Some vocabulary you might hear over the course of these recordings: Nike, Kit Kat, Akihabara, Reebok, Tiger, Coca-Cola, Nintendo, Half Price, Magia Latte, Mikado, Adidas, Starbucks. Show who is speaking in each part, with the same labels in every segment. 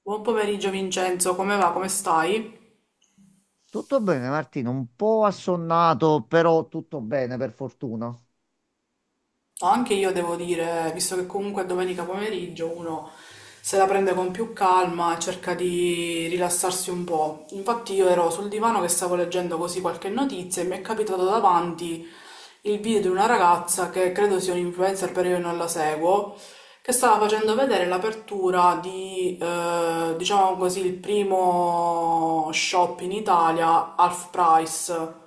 Speaker 1: Buon pomeriggio Vincenzo, come va? Come stai?
Speaker 2: Tutto bene, Martino, un po' assonnato, però tutto bene per fortuna.
Speaker 1: Anche io devo dire, visto che comunque è domenica pomeriggio, uno se la prende con più calma e cerca di rilassarsi un po'. Infatti io ero sul divano che stavo leggendo così qualche notizia e mi è capitato davanti il video di una ragazza che credo sia un influencer, però io non la seguo, che stava facendo vedere l'apertura di, diciamo così, il primo shop in Italia, Half Price.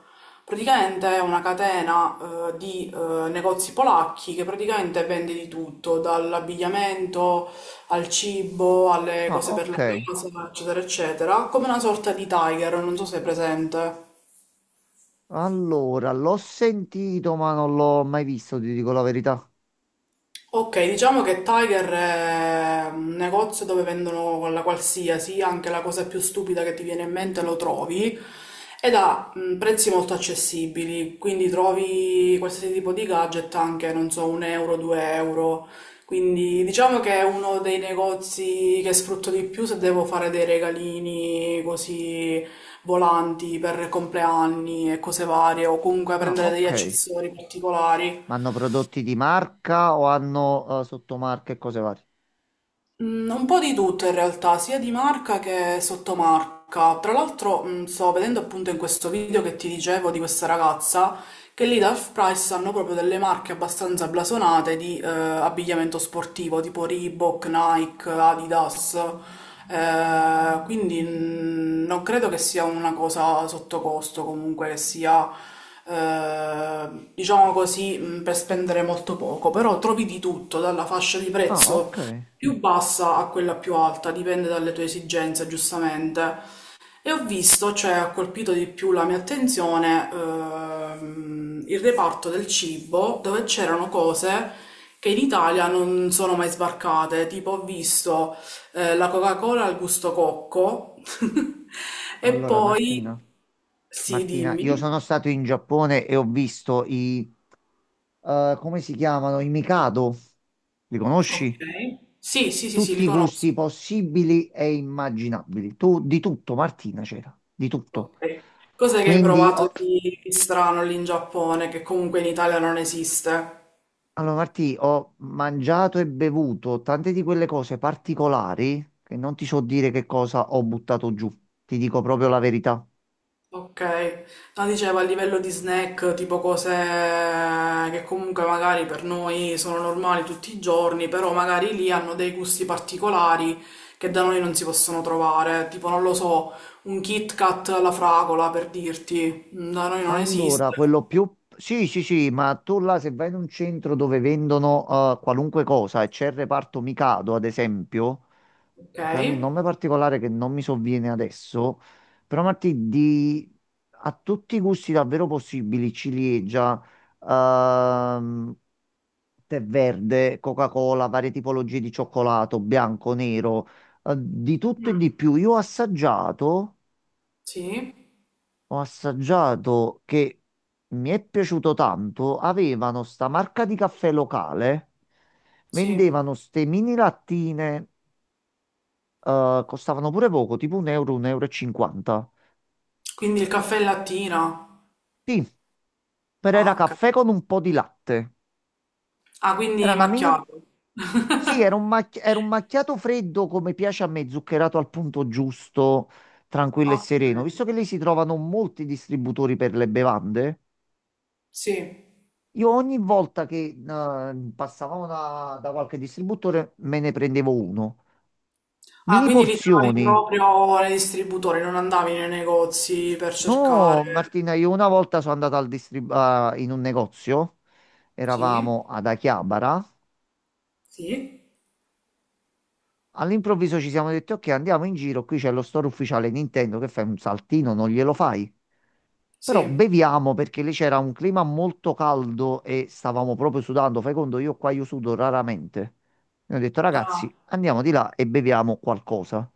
Speaker 1: Praticamente è una catena di negozi polacchi che praticamente vende di tutto, dall'abbigliamento al cibo, alle
Speaker 2: Ah,
Speaker 1: cose per
Speaker 2: ok.
Speaker 1: la casa, eccetera, eccetera, come una sorta di Tiger, non so se è presente.
Speaker 2: Allora, l'ho sentito, ma non l'ho mai visto, ti dico la verità.
Speaker 1: Ok, diciamo che Tiger è un negozio dove vendono la qualsiasi, anche la cosa più stupida che ti viene in mente lo trovi ed ha prezzi molto accessibili, quindi trovi qualsiasi tipo di gadget anche, non so, 1 euro, 2 euro. Quindi diciamo che è uno dei negozi che sfrutto di più se devo fare dei regalini così volanti per compleanni e cose varie o comunque
Speaker 2: Ah,
Speaker 1: prendere degli
Speaker 2: ok.
Speaker 1: accessori particolari.
Speaker 2: Ma hanno prodotti di marca o hanno sottomarche e cose varie?
Speaker 1: Un po' di tutto in realtà, sia di marca che sottomarca. Tra l'altro, sto vedendo appunto in questo video che ti dicevo di questa ragazza che lì da Half-Price hanno proprio delle marche abbastanza blasonate di abbigliamento sportivo, tipo Reebok, Nike, Adidas. Quindi non credo che sia una cosa sotto costo, comunque che sia eh, diciamo così, per spendere molto poco, però trovi di tutto, dalla fascia di
Speaker 2: Ah,
Speaker 1: prezzo
Speaker 2: ok.
Speaker 1: più bassa a quella più alta, dipende dalle tue esigenze, giustamente. E ho visto, cioè ha colpito di più la mia attenzione, il reparto del cibo, dove c'erano cose che in Italia non sono mai sbarcate, tipo ho visto la Coca-Cola al gusto cocco e
Speaker 2: Allora,
Speaker 1: poi...
Speaker 2: Martina,
Speaker 1: Sì,
Speaker 2: Martina, io sono
Speaker 1: dimmi.
Speaker 2: stato in Giappone e ho visto come si chiamano? I Mikado. Li
Speaker 1: Ok.
Speaker 2: conosci?
Speaker 1: Sì, sì, sì, sì,
Speaker 2: Tutti
Speaker 1: li
Speaker 2: i gusti
Speaker 1: conosco.
Speaker 2: possibili e immaginabili. Tu di tutto, Martina, c'era, di tutto.
Speaker 1: Ok. Cos'è che hai
Speaker 2: Quindi
Speaker 1: provato
Speaker 2: ho,
Speaker 1: di strano lì in Giappone, che comunque in Italia non esiste?
Speaker 2: allora, Martì, ho mangiato e bevuto tante di quelle cose particolari che non ti so dire che cosa ho buttato giù. Ti dico proprio la verità.
Speaker 1: Ok. No, dicevo a livello di snack, tipo cose che comunque magari per noi sono normali tutti i giorni, però magari lì hanno dei gusti particolari che da noi non si possono trovare. Tipo, non lo so, un Kit Kat alla fragola, per dirti. Da noi non
Speaker 2: Allora,
Speaker 1: esiste.
Speaker 2: quello più... Sì, sì, sì, ma tu là se vai in un centro dove vendono qualunque cosa e c'è il reparto Mikado, ad esempio,
Speaker 1: Ok.
Speaker 2: che prende un nome particolare che non mi sovviene adesso, però Martì, di a tutti i gusti davvero possibili, ciliegia, ehm, tè verde, Coca-Cola, varie tipologie di cioccolato, bianco, nero, di tutto e
Speaker 1: Mm,
Speaker 2: di più. Io ho assaggiato,
Speaker 1: sì,
Speaker 2: ho assaggiato che mi è piaciuto tanto, avevano sta marca di caffè locale,
Speaker 1: sì.
Speaker 2: vendevano ste mini lattine costavano pure poco, tipo un euro e cinquanta.
Speaker 1: Quindi il caffè e lattina.
Speaker 2: Sì, però
Speaker 1: Ah,
Speaker 2: era
Speaker 1: ok.
Speaker 2: caffè con un po' di latte.
Speaker 1: Ah,
Speaker 2: Era
Speaker 1: quindi
Speaker 2: una mini...
Speaker 1: macchiato.
Speaker 2: Sì, era un macchiato freddo come piace a me, zuccherato al punto giusto, tranquillo e
Speaker 1: Ok,
Speaker 2: sereno. Visto che lì si trovano molti distributori per le bevande,
Speaker 1: sì.
Speaker 2: io ogni volta che passavamo da qualche distributore me ne prendevo uno.
Speaker 1: Ah,
Speaker 2: Mini
Speaker 1: quindi li trovi
Speaker 2: porzioni.
Speaker 1: proprio nei distributori, non andavi nei negozi per cercare.
Speaker 2: No, Martina, io una volta sono andato in un negozio,
Speaker 1: Sì,
Speaker 2: eravamo ad Achiabara.
Speaker 1: sì,
Speaker 2: All'improvviso ci siamo detti, ok, andiamo in giro, qui c'è lo store ufficiale Nintendo, che fai un saltino, non glielo fai? Però
Speaker 1: sì.
Speaker 2: beviamo perché lì c'era un clima molto caldo e stavamo proprio sudando, fai conto, io qua, io sudo raramente. E ho detto,
Speaker 1: Ah,
Speaker 2: ragazzi, andiamo di là e beviamo qualcosa.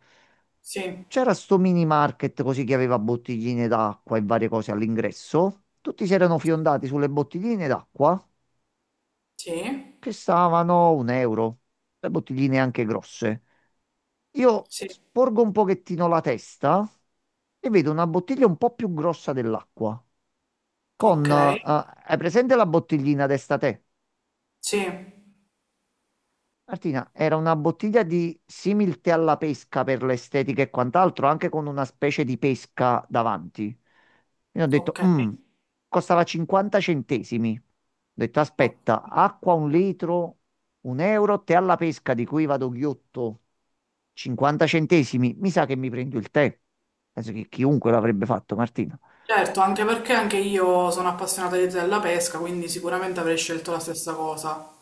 Speaker 1: sì,
Speaker 2: C'era sto mini market così che aveva bottigline d'acqua e varie cose all'ingresso. Tutti si erano fiondati sulle bottigline d'acqua
Speaker 1: sì,
Speaker 2: che stavano un euro, le bottigline anche grosse. Io
Speaker 1: sì.
Speaker 2: sporgo un pochettino la testa e vedo una bottiglia un po' più grossa dell'acqua.
Speaker 1: Ok,
Speaker 2: Con, eh, hai presente la bottiglina testa te?
Speaker 1: sì,
Speaker 2: Martina, era una bottiglia di similte alla pesca per l'estetica e quant'altro, anche con una specie di pesca davanti. Quindi ho detto,
Speaker 1: ok.
Speaker 2: "Mm, costava 50 centesimi. Ho detto,
Speaker 1: Ok.
Speaker 2: aspetta, acqua un litro, un euro, te alla pesca di cui vado ghiotto 50 centesimi, mi sa che mi prendo il tè." Penso che chiunque l'avrebbe fatto, Martina.
Speaker 1: Certo, anche perché anche io sono appassionata della pesca, quindi sicuramente avrei scelto la stessa cosa.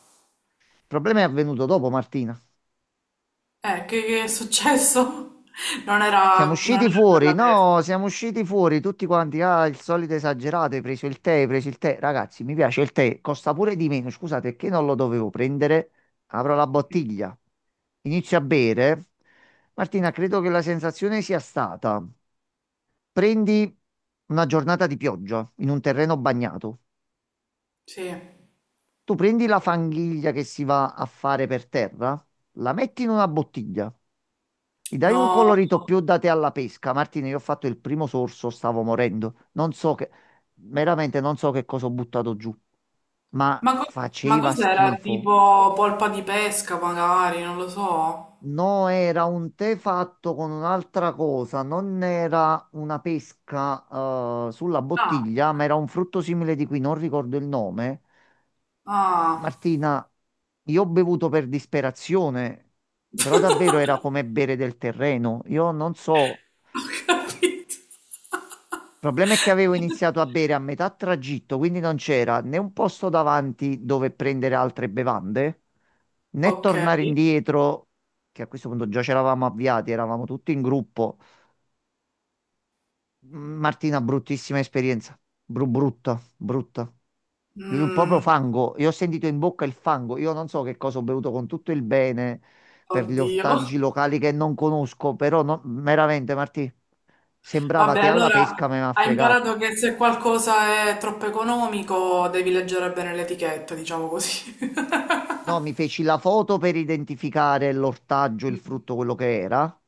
Speaker 2: Il problema è avvenuto dopo, Martina.
Speaker 1: Che è successo? Non
Speaker 2: Siamo
Speaker 1: era, non
Speaker 2: usciti
Speaker 1: era
Speaker 2: fuori,
Speaker 1: quella pesca.
Speaker 2: no, siamo usciti fuori tutti quanti. Ah, il solito esagerato, hai preso il tè, hai preso il tè. Ragazzi, mi piace il tè, costa pure di meno. Scusate, perché non lo dovevo prendere? Apro la bottiglia, inizio a bere. Martina, credo che la sensazione sia stata: prendi una giornata di pioggia in un terreno bagnato.
Speaker 1: Sì.
Speaker 2: Tu prendi la fanghiglia che si va a fare per terra, la metti in una bottiglia, gli dai un
Speaker 1: No,
Speaker 2: colorito più da te alla pesca. Martina, io ho fatto il primo sorso, stavo morendo. Non so che, veramente non so che cosa ho buttato giù, ma
Speaker 1: ma, co- ma
Speaker 2: faceva
Speaker 1: cos'era?
Speaker 2: schifo.
Speaker 1: Tipo polpa di pesca, magari, non lo so.
Speaker 2: No, era un tè fatto con un'altra cosa, non era una pesca, sulla
Speaker 1: Ah,
Speaker 2: bottiglia,
Speaker 1: ok.
Speaker 2: ma era un frutto simile di cui non ricordo il nome.
Speaker 1: Ah,
Speaker 2: Martina, io ho bevuto per disperazione, però davvero era come bere del terreno. Io non so.
Speaker 1: ho capito.
Speaker 2: Il problema è che avevo iniziato a bere a metà tragitto, quindi non c'era né un posto davanti dove prendere altre bevande, né
Speaker 1: Ok.
Speaker 2: tornare indietro, che a questo punto già ci eravamo avviati, eravamo tutti in gruppo. Martina, bruttissima esperienza. Brutta, brutta. Proprio
Speaker 1: Mm,
Speaker 2: fango, io ho sentito in bocca il fango. Io non so che cosa ho bevuto con tutto il bene per gli
Speaker 1: oddio.
Speaker 2: ortaggi locali che non conosco, però veramente, Martì, sembrava
Speaker 1: Vabbè,
Speaker 2: te alla
Speaker 1: allora
Speaker 2: pesca, ma mi ha
Speaker 1: hai
Speaker 2: fregato.
Speaker 1: imparato che se qualcosa è troppo economico devi leggere bene l'etichetta, diciamo così.
Speaker 2: No, mi feci la foto per identificare l'ortaggio, il frutto, quello che era.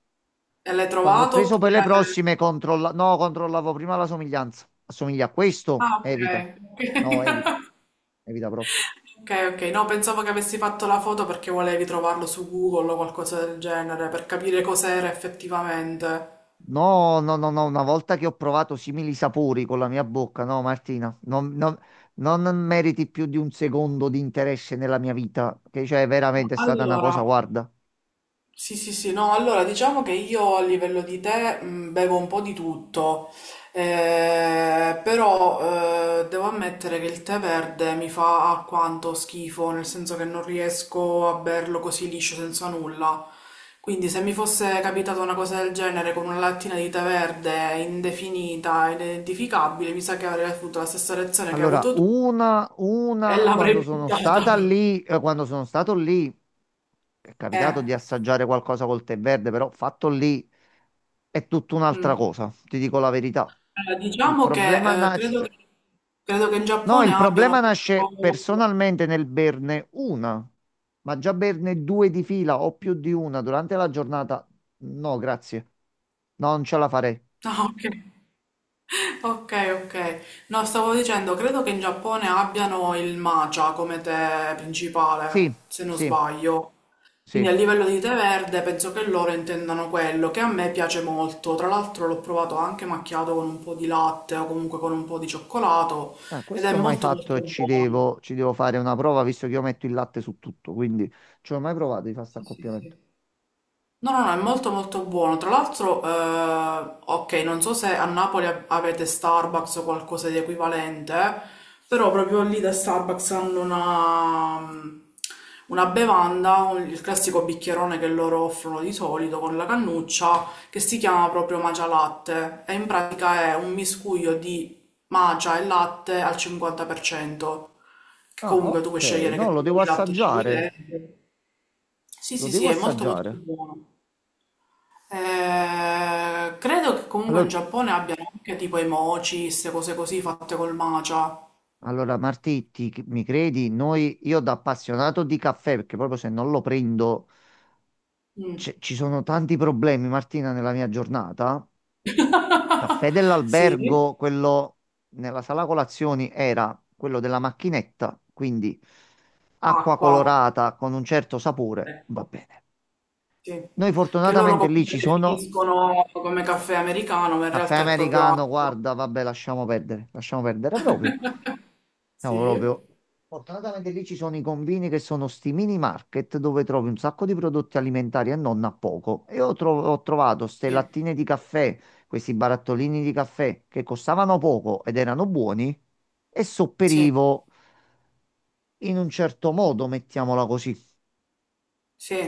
Speaker 1: E l'hai
Speaker 2: Quando ho
Speaker 1: trovato
Speaker 2: preso per le
Speaker 1: oppure...
Speaker 2: prossime, controlla... no, controllavo prima la somiglianza. Assomiglia a questo?
Speaker 1: Ah, ok.
Speaker 2: Evita.
Speaker 1: Ok.
Speaker 2: No, evita. Evita proprio.
Speaker 1: Ok, ok, no, pensavo che avessi fatto la foto perché volevi trovarlo su Google o qualcosa del genere per capire cos'era effettivamente.
Speaker 2: No, no, no, no, una volta che ho provato simili sapori con la mia bocca, no, Martina, non meriti più di un secondo di interesse nella mia vita, che cioè veramente è stata una
Speaker 1: Allora,
Speaker 2: cosa, guarda.
Speaker 1: sì, sì, sì, no, allora diciamo che io a livello di tè bevo un po' di tutto, però devo ammettere che il tè verde mi fa alquanto schifo, nel senso che non riesco a berlo così liscio senza nulla. Quindi se mi fosse capitata una cosa del genere con una lattina di tè verde indefinita, inidentificabile, mi sa che avrei avuto la stessa reazione che hai
Speaker 2: Allora,
Speaker 1: avuto tu e
Speaker 2: una, quando
Speaker 1: l'avrei
Speaker 2: sono
Speaker 1: buttata.
Speaker 2: stata lì, quando sono stato lì, è
Speaker 1: Eh,
Speaker 2: capitato di assaggiare qualcosa col tè verde, però fatto lì è tutta un'altra
Speaker 1: mm.
Speaker 2: cosa, ti dico la verità.
Speaker 1: Allora,
Speaker 2: Il
Speaker 1: diciamo
Speaker 2: problema
Speaker 1: che, credo
Speaker 2: nasce,
Speaker 1: che, credo che in
Speaker 2: No,
Speaker 1: Giappone
Speaker 2: il
Speaker 1: abbiano...
Speaker 2: problema nasce
Speaker 1: proprio-
Speaker 2: personalmente nel berne una, ma già berne due di fila o più di una durante la giornata. No, grazie. No, non ce la farei.
Speaker 1: Ah, ok. Ok, ok. No, stavo dicendo, credo che in Giappone abbiano il matcha come tè
Speaker 2: Sì,
Speaker 1: principale, se non
Speaker 2: sì,
Speaker 1: sbaglio. Quindi a
Speaker 2: sì.
Speaker 1: livello di tè verde penso che loro intendano quello, che a me piace molto. Tra l'altro l'ho provato anche macchiato con un po' di latte o comunque con un po' di cioccolato
Speaker 2: Ah,
Speaker 1: ed è
Speaker 2: questo ho mai
Speaker 1: molto
Speaker 2: fatto
Speaker 1: molto
Speaker 2: e ci
Speaker 1: buono.
Speaker 2: devo, ci devo fare una prova visto che io metto il latte su tutto, quindi ci ho mai provato di fare sta
Speaker 1: Sì, sì,
Speaker 2: accoppiamento.
Speaker 1: sì. No, no, no, è molto molto buono. Tra l'altro, ok, non so se a Napoli avete Starbucks o qualcosa di equivalente, però proprio lì da Starbucks hanno una, una bevanda, il classico bicchierone che loro offrono di solito con la cannuccia, che si chiama proprio Magia Latte e in pratica è un miscuglio di magia e latte al 50%, che
Speaker 2: Ah,
Speaker 1: comunque tu puoi
Speaker 2: ok.
Speaker 1: scegliere
Speaker 2: No,
Speaker 1: che
Speaker 2: lo
Speaker 1: tipo
Speaker 2: devo
Speaker 1: di latte ci vuoi
Speaker 2: assaggiare.
Speaker 1: dentro. Sì,
Speaker 2: Lo
Speaker 1: sì,
Speaker 2: devo
Speaker 1: sì, è molto molto
Speaker 2: assaggiare.
Speaker 1: buono. Credo che comunque in
Speaker 2: Allora,
Speaker 1: Giappone abbiano anche tipo i mochi, queste cose così fatte col matcha.
Speaker 2: mi credi? Noi, io da appassionato di caffè, perché proprio se non lo prendo.
Speaker 1: Mm.
Speaker 2: Ci sono tanti problemi, Martina, nella mia giornata. Caffè
Speaker 1: Sì,
Speaker 2: dell'albergo, quello nella sala colazioni era quello della macchinetta, quindi acqua
Speaker 1: acqua,
Speaker 2: colorata con un certo sapore,
Speaker 1: ecco,
Speaker 2: va bene.
Speaker 1: sì.
Speaker 2: Noi
Speaker 1: Che loro
Speaker 2: fortunatamente lì
Speaker 1: comunque
Speaker 2: ci sono
Speaker 1: definiscono come caffè americano, ma in
Speaker 2: caffè
Speaker 1: realtà è proprio
Speaker 2: americano,
Speaker 1: acqua.
Speaker 2: guarda, vabbè, lasciamo perdere proprio. Siamo
Speaker 1: Sì,
Speaker 2: proprio. Fortunatamente lì ci sono i combini che sono sti mini market dove trovi un sacco di prodotti alimentari e non a poco. Ho trovato ste
Speaker 1: sì,
Speaker 2: lattine di caffè, questi barattolini di caffè che costavano poco ed erano buoni e
Speaker 1: sì,
Speaker 2: sopperivo in un certo modo, mettiamola così.
Speaker 1: sì,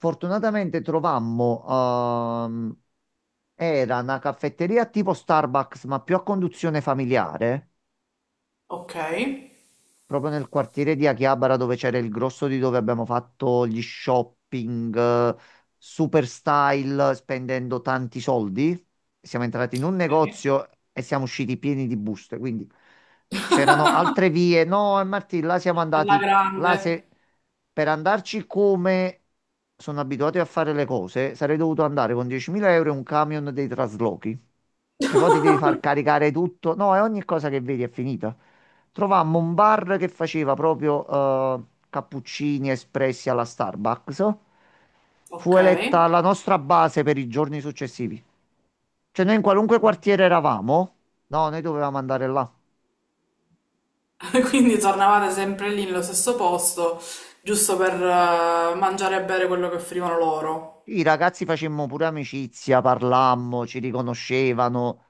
Speaker 2: Fortunatamente trovammo, ehm, era una caffetteria tipo Starbucks, ma più a conduzione familiare,
Speaker 1: ok,
Speaker 2: proprio nel quartiere di Akihabara dove c'era il grosso di dove abbiamo fatto gli shopping, super style, spendendo tanti soldi. Siamo entrati in un
Speaker 1: ok.
Speaker 2: negozio e siamo usciti pieni di buste, quindi c'erano altre vie. No, Martì, là siamo
Speaker 1: Alla
Speaker 2: andati,
Speaker 1: grande,
Speaker 2: là se per andarci come sono abituati a fare le cose, sarei dovuto andare con 10.000 euro e un camion dei traslochi. Che poi ti devi far caricare tutto. No, e ogni cosa che vedi è finita. Trovammo un bar che faceva proprio eh, cappuccini espressi alla Starbucks. Fu
Speaker 1: ok.
Speaker 2: eletta la nostra base per i giorni successivi. Cioè, noi in qualunque quartiere eravamo, no, noi dovevamo andare là.
Speaker 1: Quindi tornavate sempre lì nello stesso posto, giusto per mangiare e bere quello che offrivano loro.
Speaker 2: I ragazzi facemmo pure amicizia, parlammo, ci riconoscevano,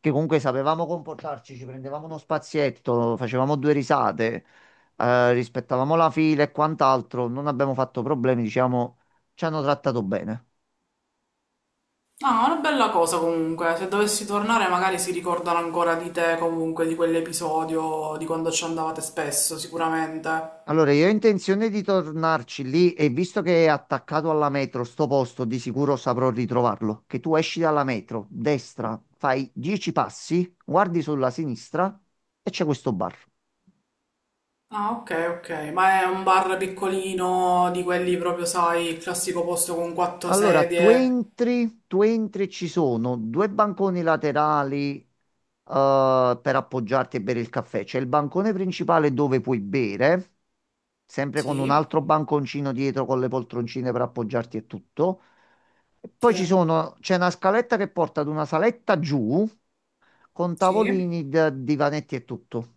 Speaker 2: che comunque sapevamo comportarci, ci prendevamo uno spazietto, facevamo due risate, rispettavamo la fila e quant'altro, non abbiamo fatto problemi, diciamo, ci hanno trattato bene.
Speaker 1: Ah, una bella cosa comunque. Se dovessi tornare, magari si ricordano ancora di te, comunque, di quell'episodio, di quando ci andavate spesso, sicuramente.
Speaker 2: Allora, io ho intenzione di tornarci lì e visto che è attaccato alla metro, sto posto, di sicuro saprò ritrovarlo. Che tu esci dalla metro, destra, fai 10 passi, guardi sulla sinistra e c'è questo bar.
Speaker 1: Ah, ok, ok. Ma è un bar piccolino, di quelli proprio, sai, il classico posto con quattro
Speaker 2: Allora, tu
Speaker 1: sedie.
Speaker 2: entri, tu entri, e ci sono due banconi laterali, per appoggiarti e bere il caffè. C'è il bancone principale dove puoi bere, sempre con un
Speaker 1: Sì,
Speaker 2: altro banconcino dietro con le poltroncine per appoggiarti e tutto. E poi
Speaker 1: sì,
Speaker 2: c'è una scaletta che porta ad una saletta giù con
Speaker 1: sì.
Speaker 2: tavolini, divanetti e tutto.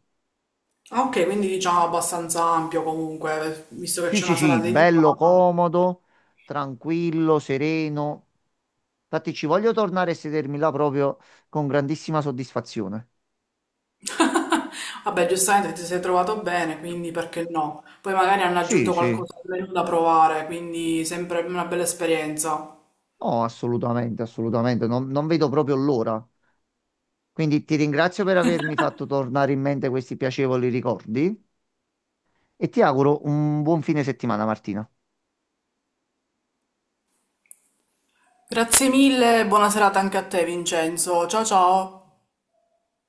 Speaker 1: Ah, ok, quindi diciamo abbastanza ampio comunque, visto che
Speaker 2: Sì,
Speaker 1: c'è
Speaker 2: sì,
Speaker 1: una sala
Speaker 2: sì, bello
Speaker 1: dedicata.
Speaker 2: comodo, tranquillo, sereno. Infatti ci voglio tornare e sedermi là proprio con grandissima soddisfazione.
Speaker 1: Vabbè, giustamente ti sei trovato bene, quindi perché no? Poi magari hanno
Speaker 2: Sì,
Speaker 1: aggiunto
Speaker 2: sì,
Speaker 1: qualcosa al menù da provare, quindi sempre una bella esperienza.
Speaker 2: no, assolutamente, assolutamente, non vedo proprio l'ora. Quindi ti ringrazio per avermi fatto tornare in mente questi piacevoli ricordi e ti auguro un buon fine settimana, Martina.
Speaker 1: Grazie mille, buona serata anche a te, Vincenzo. Ciao ciao.